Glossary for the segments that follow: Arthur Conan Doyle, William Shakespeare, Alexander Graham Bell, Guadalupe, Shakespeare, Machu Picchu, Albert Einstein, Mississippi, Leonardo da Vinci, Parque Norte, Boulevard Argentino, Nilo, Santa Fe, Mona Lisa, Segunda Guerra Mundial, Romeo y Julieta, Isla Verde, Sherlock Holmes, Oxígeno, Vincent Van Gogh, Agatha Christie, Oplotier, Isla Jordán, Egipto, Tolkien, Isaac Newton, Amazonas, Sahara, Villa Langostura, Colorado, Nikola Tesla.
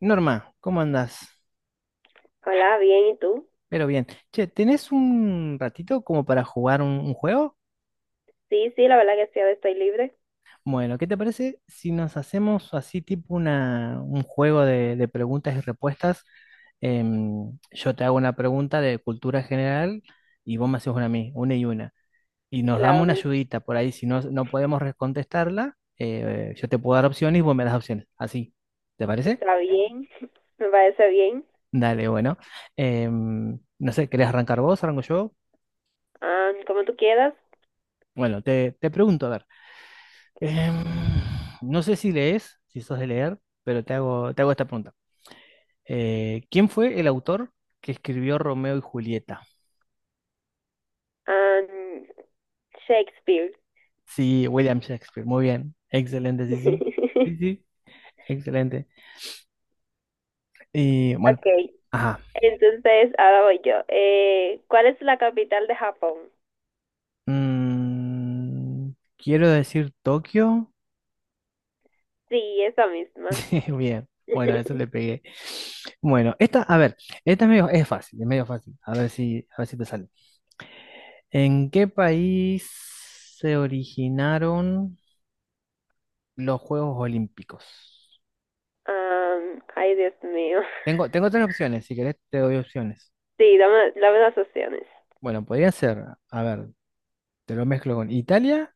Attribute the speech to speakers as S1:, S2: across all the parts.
S1: Norma, ¿cómo andás?
S2: Hola, bien, ¿y tú?
S1: Pero bien. Che, ¿tenés un ratito como para jugar un juego?
S2: Sí, sí, la verdad que sí, ahora estoy libre.
S1: Bueno, ¿qué te parece si nos hacemos así tipo un juego de preguntas y respuestas? Yo te hago una pregunta de cultura general y vos me haces una a mí, una. Y nos damos
S2: Claro,
S1: una ayudita por ahí. Si no, no podemos contestarla, yo te puedo dar opciones y vos me das opciones. Así, ¿te parece?
S2: está bien, me parece bien.
S1: Dale, bueno. No sé, ¿querés arrancar vos? ¿Arranco yo?
S2: Ah, como tú quieras.
S1: Bueno, te pregunto, a ver. Em, no sé si lees, si sos de leer, pero te hago esta pregunta. ¿Quién fue el autor que escribió Romeo y Julieta?
S2: Ah, Shakespeare.
S1: Sí, William Shakespeare. Muy bien. Excelente, sí, sí. Sí, sí. Excelente. Y bueno,
S2: Okay,
S1: ajá.
S2: entonces ahora voy yo. ¿Cuál es la capital de Japón?
S1: Mm, quiero decir Tokio.
S2: Sí, esa misma.
S1: Sí, bien. Bueno, a eso le pegué. Bueno, esta, a ver, esta es medio, es fácil, es medio fácil. A ver si te sale. ¿En qué país se originaron? Los Juegos Olímpicos.
S2: Ah, ay, Dios mío.
S1: Tengo, tengo tres opciones, si querés te doy opciones.
S2: Sí, dame, dame las opciones.
S1: Bueno, podrían ser, a ver, te lo mezclo con Italia,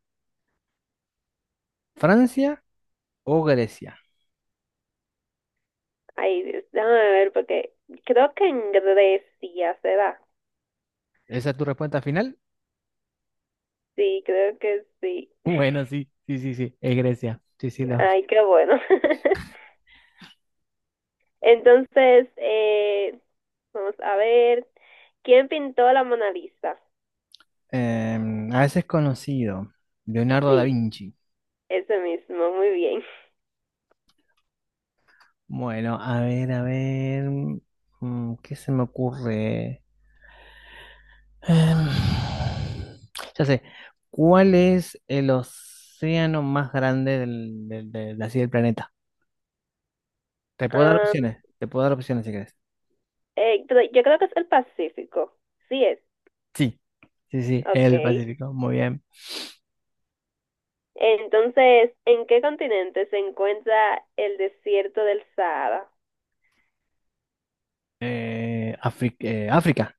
S1: Francia o Grecia.
S2: Ay, Dios, déjame ver porque creo que en Grecia se da.
S1: ¿Esa es tu respuesta final?
S2: Sí, creo que sí.
S1: Bueno, sí, sí, sí, sí, es Grecia. Sí, sí, lo.
S2: Ay, qué bueno. Entonces, vamos a ver. ¿Quién pintó la Mona Lisa?
S1: A veces conocido, Leonardo da
S2: Sí,
S1: Vinci.
S2: ese mismo, muy bien.
S1: Bueno, a ver, mm, ¿qué se me ocurre? Em, ya sé, ¿cuál es el océano más grande así del planeta? Te puedo dar
S2: Ah,
S1: opciones, te puedo dar opciones si quieres.
S2: pero yo creo que es el Pacífico. Sí es.
S1: Sí, sí, sí,
S2: Ok.
S1: el Pacífico, muy bien.
S2: Entonces, ¿en qué continente se encuentra el desierto del Sahara?
S1: África.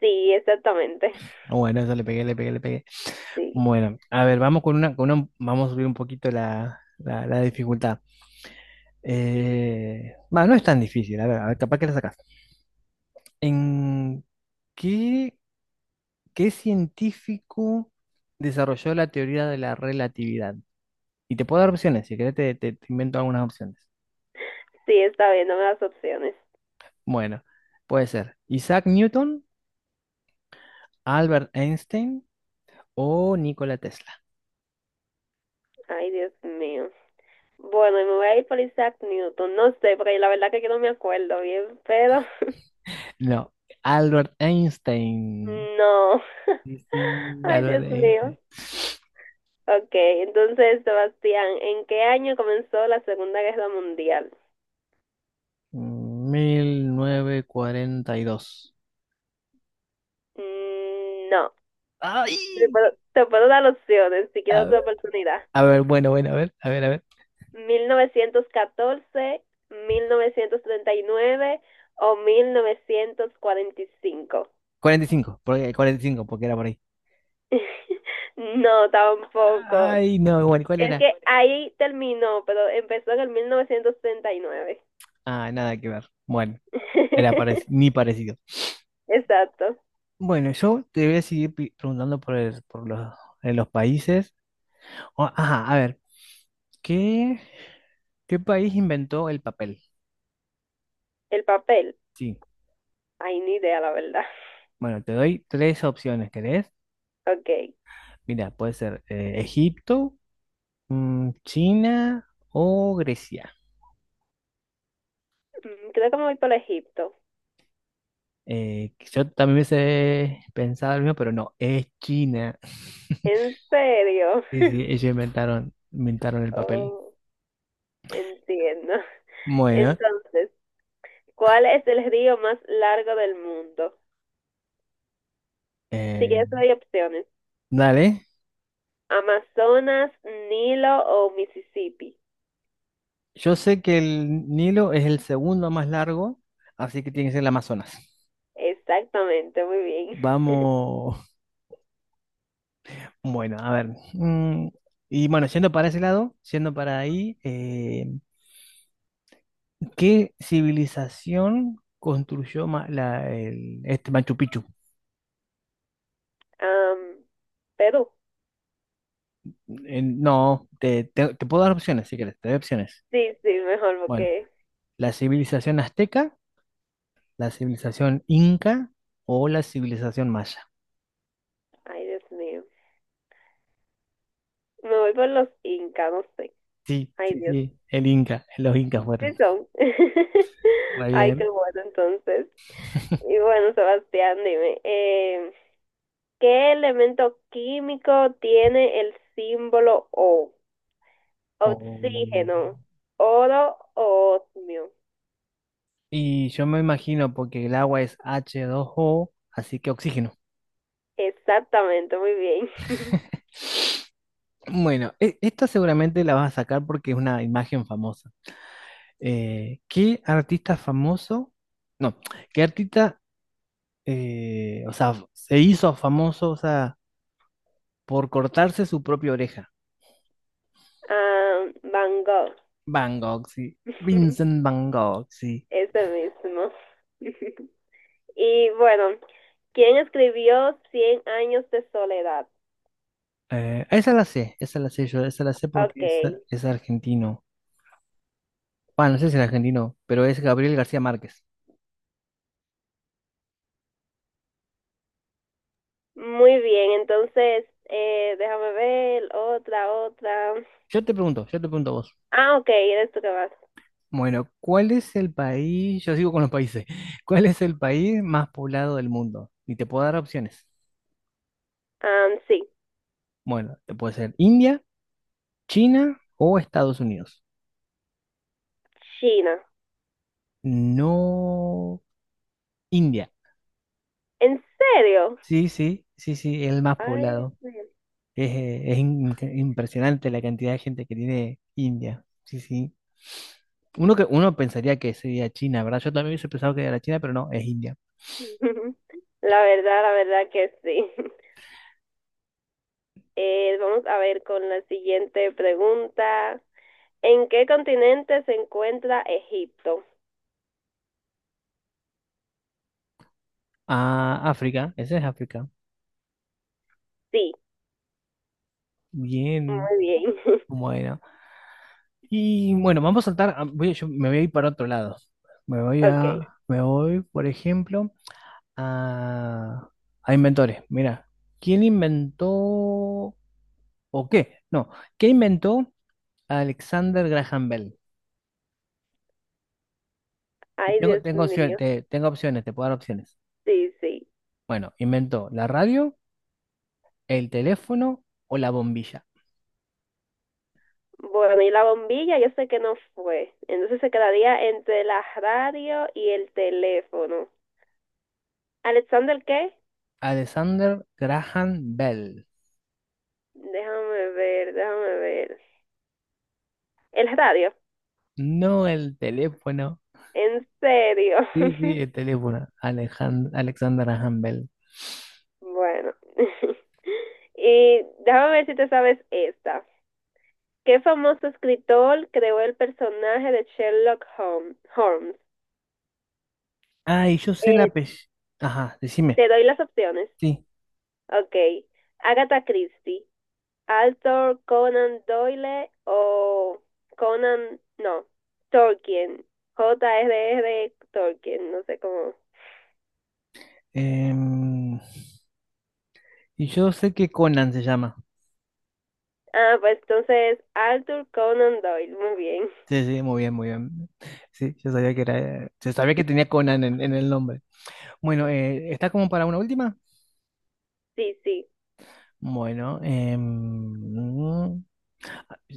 S2: Sí, exactamente.
S1: Bueno, eso le pegué, le pegué, le pegué.
S2: Sí,
S1: Bueno, a ver, vamos con vamos a subir un poquito la dificultad. No es tan difícil, a ver, capaz que la sacas. ¿En qué, ¿Qué científico desarrolló la teoría de la relatividad? Y te puedo dar opciones, si querés te invento algunas opciones.
S2: sí, está bien, dame las opciones.
S1: Bueno, puede ser Isaac Newton, Albert Einstein o Nikola Tesla.
S2: Ay, Dios mío. Bueno, y me voy a ir por Isaac Newton. No sé, porque la verdad que yo no me acuerdo bien, pero
S1: No, Albert Einstein.
S2: no.
S1: Sí, sí,
S2: Ay,
S1: Albert
S2: Dios
S1: Einstein.
S2: mío. Ok, entonces, Sebastián, ¿en qué año comenzó la Segunda Guerra Mundial?
S1: 1942.
S2: Mm, no. Te
S1: ¡Ay!
S2: puedo, te puedo dar opciones si
S1: A
S2: quieres
S1: ver,
S2: otra oportunidad.
S1: a ver, bueno, bueno, a ver, a ver, a ver.
S2: Mil novecientos catorce, 1939 o 1945.
S1: 45, porque, 45, porque era por ahí.
S2: No, tampoco.
S1: Ay, no, bueno, ¿cuál
S2: Es
S1: era?
S2: que ahí terminó, pero empezó en el 1939.
S1: Ah, nada que ver. Bueno, era ni parecido.
S2: Exacto,
S1: Bueno, yo te voy a seguir preguntando por, por los, en los países. Ajá, a ver, ¿qué, ¿qué país inventó el papel?
S2: el papel.
S1: Sí.
S2: Ay, ni idea, la verdad.
S1: Bueno, te doy tres opciones, ¿querés?
S2: Ok.
S1: Mira, puede ser Egipto, mm, China o Grecia.
S2: Mm, creo que me voy por Egipto.
S1: Yo también hubiese pensado lo mismo, pero no, es China.
S2: ¿En serio?
S1: Sí, sí, inventaron el papel.
S2: Oh, entiendo.
S1: Bueno,
S2: Entonces, ¿cuál es el río más largo del mundo? Si
S1: eh,
S2: quieres, te doy opciones.
S1: dale.
S2: Amazonas, Nilo o Mississippi.
S1: Yo sé que el Nilo es el segundo más largo, así que tiene que ser el Amazonas.
S2: Exactamente, muy bien.
S1: Vamos, bueno, a ver. Mm, y bueno, yendo para ese lado, yendo para ahí, ¿qué civilización construyó Machu Picchu?
S2: Am, Perú.
S1: No, te puedo dar opciones si quieres, te doy opciones.
S2: Sí, sí, mejor
S1: Bueno,
S2: porque...
S1: la civilización azteca, la civilización inca o la civilización maya.
S2: Ay, Dios mío. Me voy por los Incas, no sé.
S1: Sí,
S2: Ay,
S1: sí,
S2: Dios.
S1: sí, el inca, los incas
S2: Sí
S1: fueron.
S2: son.
S1: Muy
S2: Ay, qué
S1: bien.
S2: bueno, entonces. Y bueno, Sebastián, dime, ¿qué elemento químico tiene el símbolo O?
S1: O-
S2: Oxígeno, oro o osmio.
S1: y yo me imagino porque el agua es H2O, así que oxígeno.
S2: Exactamente, muy bien.
S1: Bueno, esta seguramente la vas a sacar porque es una imagen famosa. ¿Qué artista famoso? No, ¿Qué artista, o sea, se hizo famoso, o sea, por cortarse su propia oreja?
S2: Ah, Van Gogh,
S1: Van Gogh, sí. Vincent Van Gogh, sí.
S2: ese mismo. Y bueno, ¿quién escribió Cien años de soledad?
S1: Esa la sé, esa la sé yo, esa la sé
S2: Ok,
S1: porque es argentino. Bueno, no sé si es argentino, pero es Gabriel García Márquez.
S2: muy bien, entonces déjame ver, otra, otra.
S1: Yo te pregunto a vos.
S2: Ah, ok, eres tú que vas.
S1: Bueno, ¿cuál es el país? Yo sigo con los países. ¿Cuál es el país más poblado del mundo? Y te puedo dar opciones.
S2: Ah, sí,
S1: Bueno, te puede ser India, China o Estados Unidos.
S2: China.
S1: No, India.
S2: ¿En serio?
S1: Sí, sí, sí, sí, el más
S2: Ay,
S1: poblado.
S2: Dios
S1: Es, impresionante la cantidad de gente que tiene India. Sí, sí. Uno pensaría que sería China, ¿verdad? Yo también hubiese pensado que era China, pero no, es India.
S2: mío. La verdad que sí. Vamos a ver con la siguiente pregunta. ¿En qué continente se encuentra Egipto?
S1: Ah, África, ese es África.
S2: Sí,
S1: Bien,
S2: muy bien.
S1: bueno. Y bueno, vamos a saltar, yo me voy a ir para otro lado.
S2: Ok.
S1: Me voy, por ejemplo. A, a inventores. Mira, ¿quién inventó o qué? No, ¿qué inventó Alexander Graham Bell?
S2: Ay, Dios
S1: Tengo opciones,
S2: mío.
S1: tengo opciones, te puedo dar opciones.
S2: Sí, sí.
S1: Bueno, inventó la radio, el teléfono o la bombilla.
S2: Bueno, y la bombilla yo sé que no fue. Entonces se quedaría entre la radio y el teléfono. ¿Alexander qué?
S1: Alexander Graham Bell.
S2: Déjame ver, déjame ver. ¿El radio?
S1: No el teléfono.
S2: En serio.
S1: Sí, sí, el teléfono. Alexander Graham Bell.
S2: Bueno. Y déjame ver si te sabes esta. ¿Qué famoso escritor creó el personaje de Sherlock Holmes?
S1: Ah, y yo sé la
S2: Eh,
S1: apellido. Ajá, decime.
S2: Te doy las opciones.
S1: Sí.
S2: Ok. Agatha Christie, Arthur Conan Doyle o Conan, no, Tolkien. JRR Tolkien, no sé cómo.
S1: em, y yo sé que Conan se llama.
S2: Ah, pues entonces Arthur Conan Doyle, muy bien.
S1: Sí, sí, muy bien, muy bien. Sí, yo sabía que tenía Conan en el nombre. Bueno, ¿está como para una última?
S2: Sí, sí,
S1: Bueno,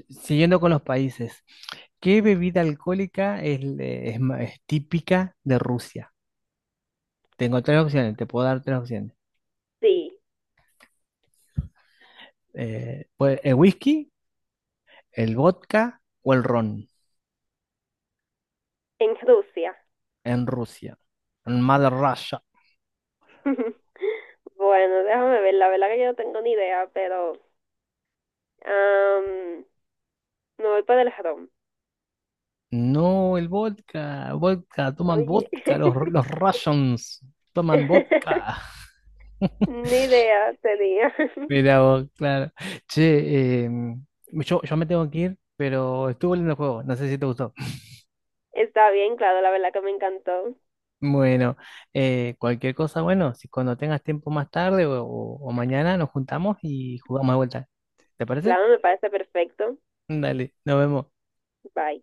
S1: siguiendo con los países, ¿qué bebida alcohólica es típica de Rusia? Tengo tres opciones, te puedo dar tres opciones.
S2: sí,
S1: Pues, el whisky, el vodka o el ron
S2: en Rusia.
S1: en Rusia, en Mother Russia.
S2: Bueno, déjame ver, la verdad que yo no tengo ni idea, pero am, me voy para el jarón.
S1: No, el vodka, vodka, toman
S2: Oye,
S1: vodka, los Russians toman vodka.
S2: ni idea tenía.
S1: Mira vos, claro. Che, yo, yo me tengo que ir, pero estuvo lindo el juego, no sé si te gustó.
S2: Está bien, claro, la verdad que me encantó.
S1: Bueno, cualquier cosa, bueno, si cuando tengas tiempo más tarde o, o mañana nos juntamos y jugamos de vuelta. ¿Te parece?
S2: Claro, me parece perfecto.
S1: Dale, nos vemos.
S2: Bye.